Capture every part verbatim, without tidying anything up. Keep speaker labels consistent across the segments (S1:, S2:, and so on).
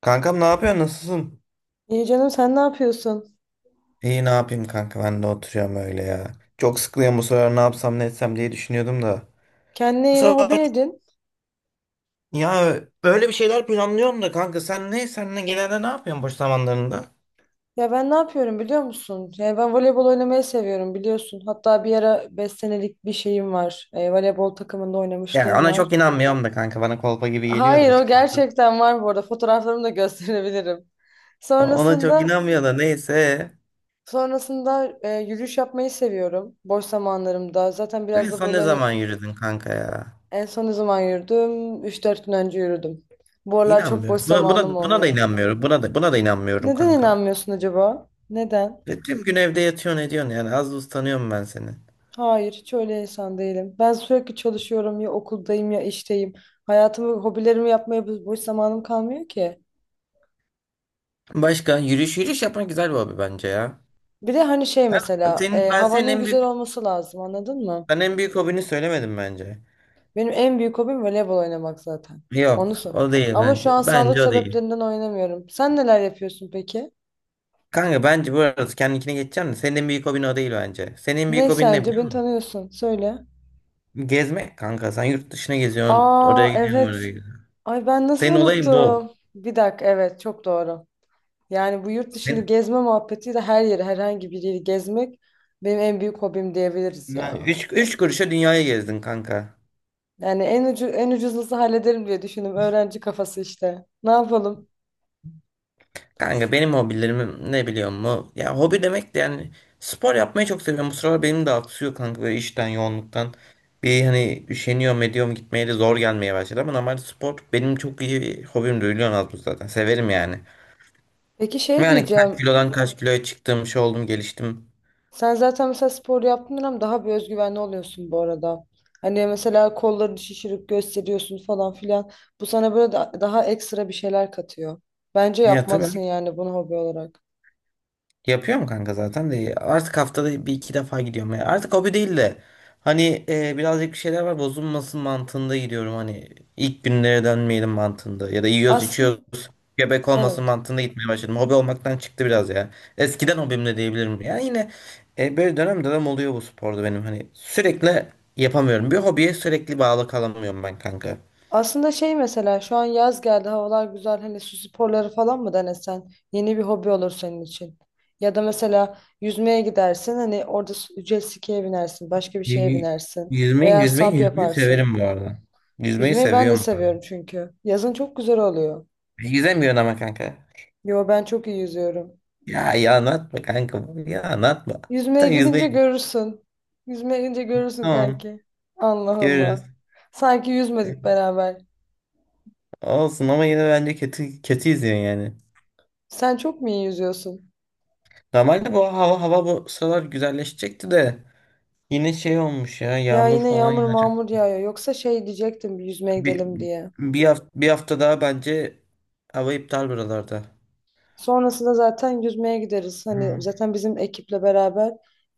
S1: Kankam ne yapıyorsun? Nasılsın?
S2: İyi canım sen ne yapıyorsun?
S1: İyi ne yapayım kanka ben de oturuyorum öyle ya. Çok sıkılıyorum, bu sefer ne yapsam ne etsem diye düşünüyordum da.
S2: Kendine
S1: Bu
S2: yeni hobi
S1: sefer
S2: edin.
S1: ya böyle bir şeyler planlıyorum da kanka, sen ne sen ne genelde ne yapıyorsun boş zamanlarında?
S2: Ya ben ne yapıyorum biliyor musun? Ya ben voleybol oynamayı seviyorum biliyorsun. Hatta bir ara beş senelik bir şeyim var. E, voleybol takımında
S1: Ya
S2: oynamışlığım
S1: ona
S2: var.
S1: çok inanmıyorum da kanka, bana kolpa gibi geliyor da
S2: Hayır o
S1: açıkçası.
S2: gerçekten var bu arada. Fotoğraflarımı da gösterebilirim.
S1: O- Ona çok
S2: Sonrasında
S1: inanmıyor da neyse.
S2: sonrasında e, yürüyüş yapmayı seviyorum boş zamanlarımda. Zaten
S1: En
S2: biraz da
S1: son
S2: böyle
S1: ne
S2: hani
S1: zaman yürüdün kanka ya?
S2: en son ne zaman yürüdüm? Üç dört gün önce yürüdüm. Bu aralar çok boş
S1: İnanmıyorum. Buna,
S2: zamanım
S1: buna, buna da
S2: olmuyor.
S1: inanmıyorum. Buna da, buna da inanmıyorum
S2: Neden
S1: kanka.
S2: inanmıyorsun acaba? Neden?
S1: Ya tüm gün evde yatıyorsun ediyorsun yani, az buz tanıyorum ben seni.
S2: Hayır, hiç öyle insan değilim. Ben sürekli çalışıyorum, ya okuldayım ya işteyim. Hayatımı, hobilerimi yapmaya bo- boş zamanım kalmıyor ki.
S1: Başka, yürüyüş yürüyüş yapmak güzel bir hobi bence ya.
S2: Bir de hani şey mesela
S1: Senin,
S2: e,
S1: ben senin
S2: havanın
S1: en
S2: güzel
S1: büyük
S2: olması lazım, anladın mı?
S1: ben en büyük hobini söylemedim bence.
S2: Benim en büyük hobim voleybol oynamak zaten. Onu
S1: Yok
S2: sor.
S1: o değil
S2: Ama şu
S1: bence.
S2: an sağlık
S1: Bence o değil.
S2: sebeplerinden oynamıyorum. Sen neler yapıyorsun peki?
S1: Kanka bence bu arada kendinkine geçeceğim de senin en büyük hobin o değil bence. Senin en büyük
S2: Ne
S1: hobin ne
S2: sence,
S1: biliyor
S2: beni
S1: musun?
S2: tanıyorsun? Söyle.
S1: Gezmek kanka. Sen yurt dışına geziyorsun.
S2: Aa
S1: Oraya gidiyorsun,
S2: evet.
S1: oraya gidiyorsun.
S2: Ay ben nasıl
S1: Senin olayın bu.
S2: unuttum? Bir dakika, evet çok doğru. Yani bu yurt dışını
S1: Sen,
S2: gezme muhabbetiyle her yeri, herhangi bir yeri gezmek benim en büyük hobim diyebiliriz
S1: yani
S2: ya.
S1: üç, üç kuruşa dünyayı gezdin kanka.
S2: Yani en ucu, en ucuzlusu hallederim diye düşündüm. Öğrenci kafası işte. Ne yapalım?
S1: Kanka benim hobilerim ne biliyor musun? Ya hobi demek de yani spor yapmayı çok seviyorum. Bu sıralar benim de aksıyor kanka, böyle işten yoğunluktan. Bir hani üşeniyorum ediyorum gitmeye de zor gelmeye başladı ama normalde spor benim çok iyi bir hobim, biliyorsun, az buz zaten. Severim yani.
S2: Peki
S1: Ve
S2: şey
S1: hani kaç
S2: diyeceğim.
S1: kilodan kaç kiloya çıktım, şey oldum geliştim.
S2: Sen zaten mesela spor yaptığın ama daha bir özgüvenli oluyorsun bu arada. Hani mesela kollarını şişirip gösteriyorsun falan filan. Bu sana böyle da- daha ekstra bir şeyler katıyor. Bence
S1: Ya tabii
S2: yapmalısın
S1: abi.
S2: yani bunu hobi olarak.
S1: Yapıyor mu kanka zaten de, artık haftada bir iki defa gidiyorum ya. Artık hobi değil de hani e, birazcık bir şeyler var, bozulmasın mantığında gidiyorum, hani ilk günlere dönmeyelim mantığında ya da yiyoruz
S2: Aslında
S1: içiyoruz göbek olmasın
S2: evet.
S1: mantığında gitmeye başladım. Hobi olmaktan çıktı biraz ya. Eskiden hobim de diyebilirim. Yani yine e, böyle dönem dönem oluyor bu sporda, benim hani sürekli yapamıyorum. Bir hobiye sürekli bağlı kalamıyorum ben kanka.
S2: Aslında şey mesela şu an yaz geldi, havalar güzel, hani su sporları falan mı denesen, yeni bir hobi olur senin için. Ya da mesela yüzmeye gidersin, hani orada su- jet ski'ye binersin, başka bir şeye
S1: Y-
S2: binersin
S1: Yüzmeyi,
S2: veya
S1: yüzmeyi,
S2: sap
S1: yüzmeyi
S2: yaparsın.
S1: severim bu arada. Yüzmeyi
S2: Yüzmeyi ben de
S1: seviyorum bu arada.
S2: seviyorum çünkü. Yazın çok güzel oluyor.
S1: Yüzemiyorum ama kanka.
S2: Yo ben çok iyi yüzüyorum.
S1: Ya ya anlatma kanka. Ya anlatma.
S2: Yüzmeye
S1: Sen yüzmeyi
S2: gidince
S1: bil.
S2: görürsün. Yüzmeye gidince görürsün
S1: Tamam.
S2: kanki. Allah
S1: Görürüz.
S2: Allah. Sanki yüzmedik beraber.
S1: Olsun ama yine bence kötü kötü izliyorsun yani.
S2: Sen çok mu iyi yüzüyorsun?
S1: Normalde bu hava hava bu sıralar güzelleşecekti de yine şey olmuş ya,
S2: Ya
S1: yağmur
S2: yine
S1: falan
S2: yağmur
S1: yağacak.
S2: mağmur yağıyor. Yoksa şey diyecektim, bir yüzmeye
S1: Bir
S2: gidelim diye.
S1: bir hafta, bir hafta daha bence hava iptal buralarda.
S2: Sonrasında zaten yüzmeye gideriz.
S1: Hı.
S2: Hani zaten bizim ekiple beraber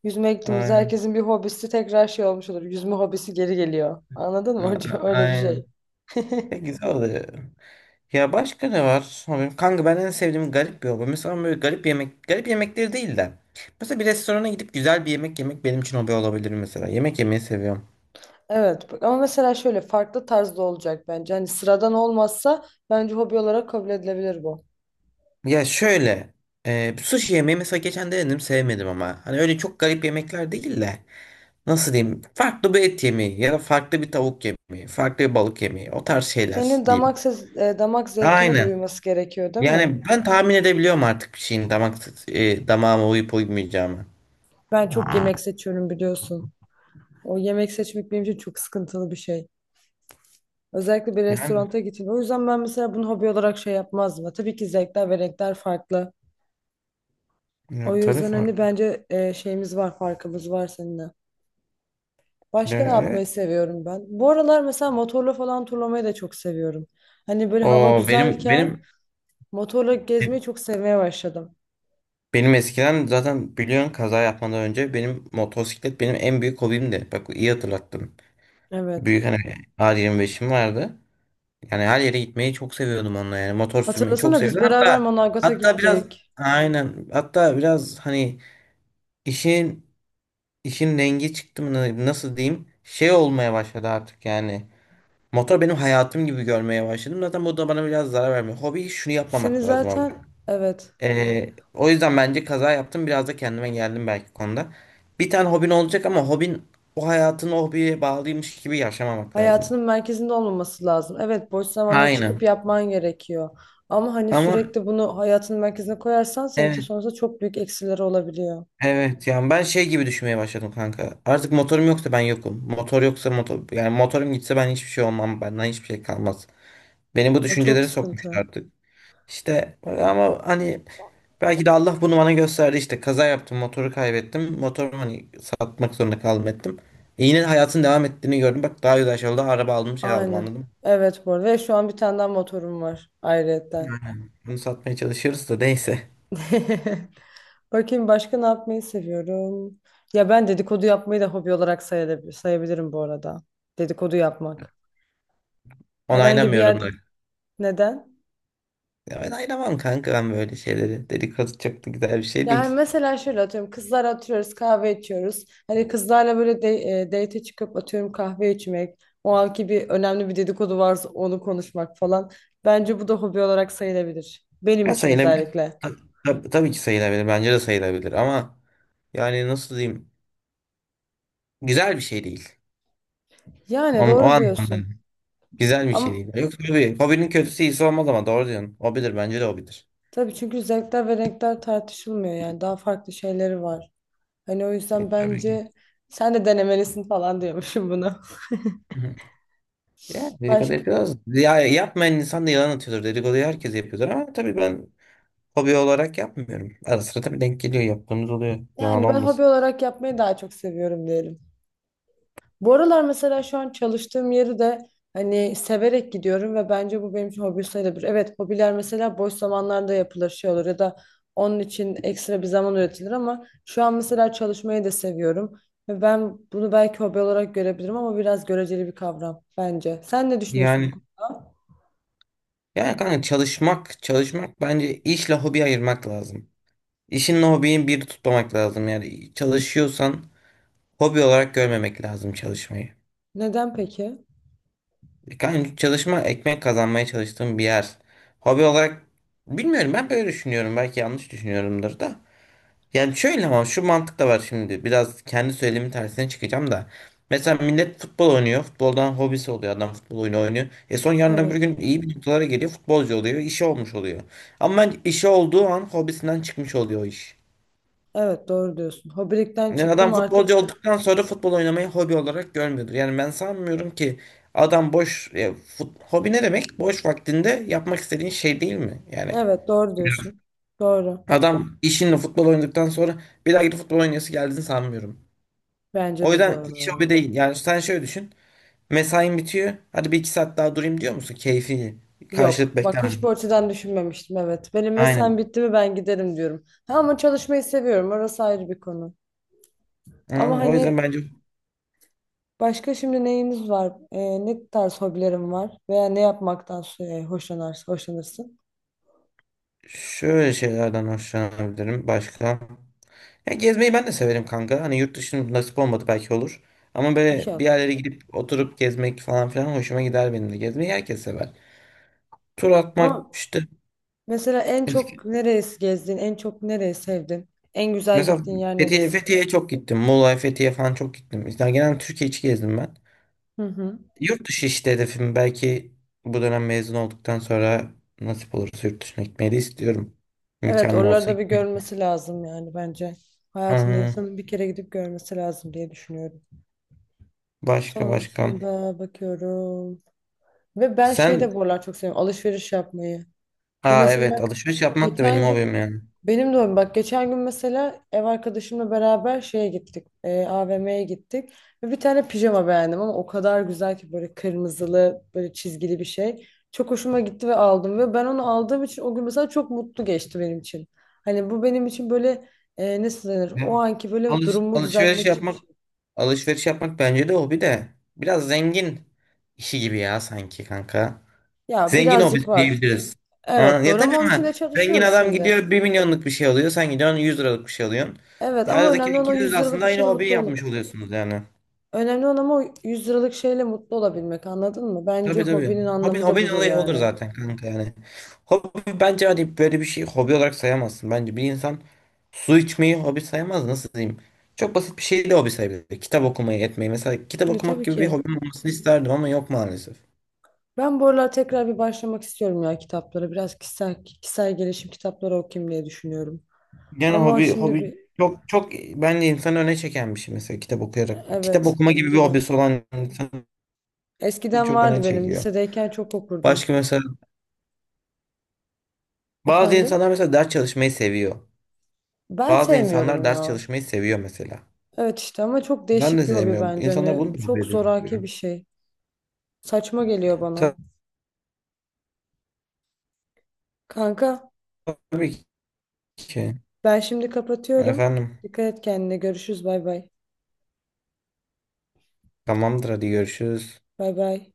S2: yüzmeye gittiğimizde
S1: Aynen.
S2: herkesin bir hobisi tekrar şey olmuş olur. Yüzme hobisi geri geliyor. Anladın
S1: A-
S2: mı hocam?
S1: a-
S2: Öyle bir
S1: Aynen.
S2: şey.
S1: Ya güzel oluyor. Ya başka ne var? Abi, kanka, ben en sevdiğim garip bir hobi. Mesela böyle garip yemek, garip yemekleri değil de. Mesela bir restorana gidip güzel bir yemek yemek benim için hobi olabilir mesela. Yemek yemeyi seviyorum.
S2: Evet bak- ama mesela şöyle farklı tarzda olacak bence. Hani sıradan olmazsa bence hobi olarak kabul edilebilir bu.
S1: Ya şöyle, e, sushi yemeği mesela geçen denedim sevmedim ama. Hani öyle çok garip yemekler değil de. Nasıl diyeyim? Farklı bir et yemeği ya da farklı bir tavuk yemeği, farklı bir balık yemeği. O tarz şeyler
S2: Senin
S1: diyeyim.
S2: damak ses, e, damak zevkine de
S1: Aynen.
S2: uyması gerekiyor değil mi?
S1: Yani ben tahmin edebiliyorum artık bir şeyin damak, e, damağıma uyup uymayacağını.
S2: Ben çok yemek seçiyorum biliyorsun. O yemek seçmek benim için çok sıkıntılı bir şey. Özellikle bir
S1: Yani,
S2: restoranta gittiğinde. O yüzden ben mesela bunu hobi olarak şey yapmazdım. Ya tabii ki zevkler ve renkler farklı.
S1: ya,
S2: O
S1: tabii
S2: yüzden
S1: farklı.
S2: hani bence e, şeyimiz var, farkımız var seninle. Başka ne
S1: Ya,
S2: yapmayı seviyorum ben? Bu aralar mesela motorla falan turlamayı da çok seviyorum. Hani böyle hava
S1: O benim
S2: güzelken
S1: benim
S2: motorla gezmeyi çok sevmeye başladım.
S1: benim eskiden zaten biliyorsun kaza yapmadan önce benim motosiklet benim en büyük hobimdi. Bak iyi hatırlattın.
S2: Evet.
S1: Büyük hani a yirmi beşim vardı. Yani her yere gitmeyi çok seviyordum onunla yani. Motor sürmeyi çok
S2: Hatırlasana biz
S1: seviyordum.
S2: beraber
S1: Hatta
S2: Manavgat'a
S1: hatta biraz
S2: gittik.
S1: aynen, hatta biraz hani işin işin rengi çıktı mı, nasıl diyeyim, şey olmaya başladı artık yani. Motor benim hayatım gibi görmeye başladım. Zaten bu da bana biraz zarar vermiyor. Hobi şunu
S2: Seni
S1: yapmamak lazım abi.
S2: zaten, evet.
S1: Ee, o yüzden bence kaza yaptım. Biraz da kendime geldim belki konuda. Bir tane hobin olacak ama hobin, o hayatını o hobiye bağlıymış gibi yaşamamak lazım.
S2: Hayatının merkezinde olmaması lazım. Evet, boş zamanda çıkıp
S1: Aynen.
S2: yapman gerekiyor. Ama hani
S1: Ama
S2: sürekli bunu hayatının merkezine koyarsan senin için
S1: evet,
S2: sonrasında çok büyük eksileri olabiliyor.
S1: evet, yani ben şey gibi düşünmeye başladım kanka. Artık motorum yoksa ben yokum. Motor yoksa motor yani motorum gitse ben hiçbir şey olmam. Benden hiçbir şey kalmaz. Beni bu
S2: O çok
S1: düşüncelere
S2: sıkıntı.
S1: sokmuşlar. İşte ama hani belki de Allah bunu bana gösterdi işte, kaza yaptım, motoru kaybettim, motorumu hani satmak zorunda kaldım ettim. E yine hayatın devam ettiğini gördüm, bak daha güzel şey oldu, araba aldım şey aldım anladın
S2: Aynen.
S1: mı?
S2: Evet bu arada. Ve şu an bir tane daha motorum var ayrıyetten.
S1: Yani bunu satmaya çalışıyoruz da neyse
S2: Bakayım başka ne yapmayı seviyorum. Ya ben dedikodu yapmayı da hobi olarak sayabilir, sayabilirim bu arada. Dedikodu yapmak. Herhangi bir
S1: onaylamıyorum
S2: yerde.
S1: da.
S2: Neden?
S1: Ya ben ayıramam kanka, ben böyle şeyleri, dedikodu çok da güzel bir şey
S2: Yani
S1: değil.
S2: mesela şöyle atıyorum, kızlar atıyoruz kahve içiyoruz. Hani kızlarla böyle de, e, date çıkıp atıyorum kahve içmek. O anki bir önemli bir dedikodu varsa onu konuşmak falan. Bence bu da hobi olarak sayılabilir. Benim
S1: Ya
S2: için
S1: sayılabilir.
S2: özellikle.
S1: Ta- ta- tabii ki sayılabilir, bence de sayılabilir ama yani, nasıl diyeyim, güzel bir şey değil.
S2: Yani
S1: Onun, o
S2: doğru
S1: anlamda.
S2: diyorsun.
S1: Güzel bir şey
S2: Ama
S1: değil. Yok tabii. Hobinin kötüsü iyisi olmaz ama doğru diyorsun. Hobidir bence de hobidir.
S2: tabii çünkü zevkler ve renkler tartışılmıyor yani. Daha farklı şeyleri var. Hani o yüzden
S1: E, Tabii ki.
S2: bence sen de denemelisin falan diyormuşum bunu.
S1: Hı hı. Ya dedikodu
S2: Başka.
S1: yapıyoruz. Ya yapmayan insan da yalan atıyordur. Dedikoduyu herkes yapıyordur ama tabii ben hobi olarak yapmıyorum. Ara sıra tabii denk geliyor. Yaptığımız oluyor. Yalan
S2: Yani ben hobi
S1: olmasın.
S2: olarak yapmayı daha çok seviyorum diyelim. Bu aralar mesela şu an çalıştığım yeri de hani severek gidiyorum ve bence bu benim için hobi sayılabilir. Evet, hobiler mesela boş zamanlarda yapılır şey olur ya da onun için ekstra bir zaman üretilir ama şu an mesela çalışmayı da seviyorum. Ve ben bunu belki hobi olarak görebilirim ama biraz göreceli bir kavram bence. Sen ne düşünüyorsun bu
S1: Yani
S2: konuda?
S1: Yani kanka, çalışmak, çalışmak bence işle hobi ayırmak lazım. İşinle hobiyi bir tutmamak lazım. Yani çalışıyorsan hobi olarak görmemek lazım çalışmayı.
S2: Neden peki?
S1: E, Kanka, çalışma ekmek kazanmaya çalıştığım bir yer. Hobi olarak bilmiyorum, ben böyle düşünüyorum. Belki yanlış düşünüyorumdur da. Yani şöyle, ama şu mantık da var şimdi. Biraz kendi söylemin tersine çıkacağım da. Mesela millet futbol oynuyor. Futboldan hobisi oluyor. Adam futbol oyunu oynuyor. E son yarın öbür
S2: Evet.
S1: gün iyi bir noktalara geliyor. Futbolcu oluyor. İşi olmuş oluyor. Ama işi olduğu an hobisinden çıkmış oluyor o iş.
S2: Evet doğru diyorsun. Hobilikten
S1: Yani adam
S2: çıktım artık.
S1: futbolcu olduktan sonra futbol oynamayı hobi olarak görmüyordur. Yani ben sanmıyorum ki adam boş e, fut- hobi ne demek? Boş vaktinde yapmak istediğin şey değil mi? Yani
S2: Evet doğru diyorsun. Doğru.
S1: adam işinle futbol oynadıktan sonra bir daha gidip futbol oynayası geldiğini sanmıyorum.
S2: Bence
S1: O
S2: de bu
S1: yüzden
S2: arada
S1: hiç hobi
S2: ya.
S1: değil. Yani sen şöyle düşün. Mesain bitiyor. Hadi bir iki saat daha durayım diyor musun? Keyfi karşılık
S2: Yok. Bak
S1: beklemeden.
S2: hiç bu açıdan düşünmemiştim. Evet. Benim mesaim
S1: Aynen.
S2: bitti mi ben giderim diyorum. Ha, ama çalışmayı seviyorum. Orası ayrı bir konu. Ama
S1: Aynen. O yüzden
S2: hani
S1: bence
S2: başka şimdi neyiniz var? Ee, ne tarz hobilerim var? Veya ne yapmaktan e, hoşlanarsın, hoşlanırsın?
S1: şöyle şeylerden hoşlanabilirim. Başka? Ya gezmeyi ben de severim kanka. Hani yurt dışının nasip olmadı belki olur. Ama böyle bir
S2: İnşallah.
S1: yerlere gidip oturup gezmek falan filan hoşuma gider benim de. Gezmeyi herkes sever. Tur atmak
S2: Ama
S1: işte
S2: mesela en çok
S1: eski.
S2: neresi gezdin? En çok nereyi sevdin? En güzel
S1: Mesela
S2: gittiğin yer
S1: Fethiye,
S2: neresi?
S1: Fethiye'ye çok gittim. Muğla, Fethiye falan çok gittim. İşte genel Türkiye içi gezdim ben.
S2: Hı hı.
S1: Yurt dışı işte hedefim, belki bu dönem mezun olduktan sonra nasip olursa yurt dışına gitmeyi de istiyorum.
S2: Evet,
S1: İmkanım
S2: oraları
S1: olsa.
S2: da bir görmesi lazım yani bence. Hayatında
S1: Aa,
S2: insanın bir kere gidip görmesi lazım diye düşünüyorum.
S1: başka başka.
S2: Sonrasında bakıyorum. Ve ben şey
S1: Sen
S2: de bu aralar çok seviyorum. Alışveriş yapmayı. Bu
S1: Aa, evet,
S2: mesela
S1: alışveriş yapmak da benim
S2: geçen gün
S1: hobim yani.
S2: benim de öyle. Bak geçen gün mesela ev arkadaşımla beraber şeye gittik. E, A V M'ye gittik. Ve bir tane pijama beğendim ama o kadar güzel ki, böyle kırmızılı böyle çizgili bir şey. Çok hoşuma gitti ve aldım. Ve ben onu aldığım için o gün mesela çok mutlu geçti benim için. Hani bu benim için böyle e, nasıl denir?
S1: Ya,
S2: O anki böyle
S1: alış,
S2: durumumu
S1: alışveriş
S2: düzeltmek için bir
S1: yapmak
S2: şey.
S1: alışveriş yapmak bence de hobi de biraz zengin işi gibi ya, sanki kanka.
S2: Ya
S1: Zengin
S2: birazcık
S1: hobi
S2: var.
S1: diyebiliriz. Ha,
S2: Evet
S1: ya
S2: doğru,
S1: tabii
S2: ama onun için
S1: ama
S2: de
S1: zengin
S2: çalışıyoruz
S1: adam
S2: şimdi.
S1: gidiyor bir milyonluk bir şey alıyor. Sen gidiyorsun yüz liralık bir şey alıyorsun.
S2: Evet
S1: Ya
S2: ama
S1: aradaki,
S2: önemli olan o
S1: ikiniz de
S2: yüz liralık
S1: aslında
S2: bir
S1: aynı
S2: şeyle
S1: hobiyi
S2: mutlu
S1: yapmış
S2: olup.
S1: oluyorsunuz yani.
S2: Önemli olan ama o yüz liralık şeyle mutlu olabilmek, anladın mı? Bence
S1: Tabii, tabii.
S2: hobinin
S1: Hobi,
S2: anlamı da
S1: hobinin
S2: budur
S1: olayı odur
S2: yani.
S1: zaten kanka yani. Hobi bence hani böyle bir şey hobi olarak sayamazsın. Bence bir insan su içmeyi hobi sayamaz. Nasıl diyeyim? Çok basit bir şey de hobi sayabilir. Kitap okumayı etmeyi. Mesela kitap
S2: Ne,
S1: okumak
S2: tabii
S1: gibi bir
S2: ki.
S1: hobim olmasını isterdim ama yok maalesef.
S2: Ben bu aralar tekrar bir başlamak istiyorum ya kitaplara. Biraz kişisel, kişisel gelişim kitapları okuyayım diye düşünüyorum.
S1: Yani
S2: Ama
S1: hobi
S2: şimdi
S1: hobi
S2: bir...
S1: çok çok bence insanı öne çeken bir şey, mesela kitap okuyarak. Kitap
S2: Evet
S1: okuma gibi bir
S2: bence de.
S1: hobisi olan insan
S2: Eskiden
S1: çok öne
S2: vardı benim.
S1: çekiyor.
S2: Lisedeyken çok okurdum.
S1: Başka mesela bazı
S2: Efendim?
S1: insanlar mesela ders çalışmayı seviyor.
S2: Ben
S1: Bazı
S2: sevmiyorum
S1: insanlar ders
S2: ya.
S1: çalışmayı seviyor mesela.
S2: Evet işte ama çok
S1: Ben de
S2: değişik bir hobi
S1: sevmiyorum.
S2: bence.
S1: İnsanlar
S2: Hani
S1: bunu da kabul
S2: çok zoraki
S1: edemiyor.
S2: bir şey. Saçma geliyor bana. Kanka
S1: Tabii ki.
S2: ben şimdi kapatıyorum.
S1: Efendim.
S2: Dikkat et kendine. Görüşürüz. Bay bay.
S1: Tamamdır hadi görüşürüz.
S2: Bay bay.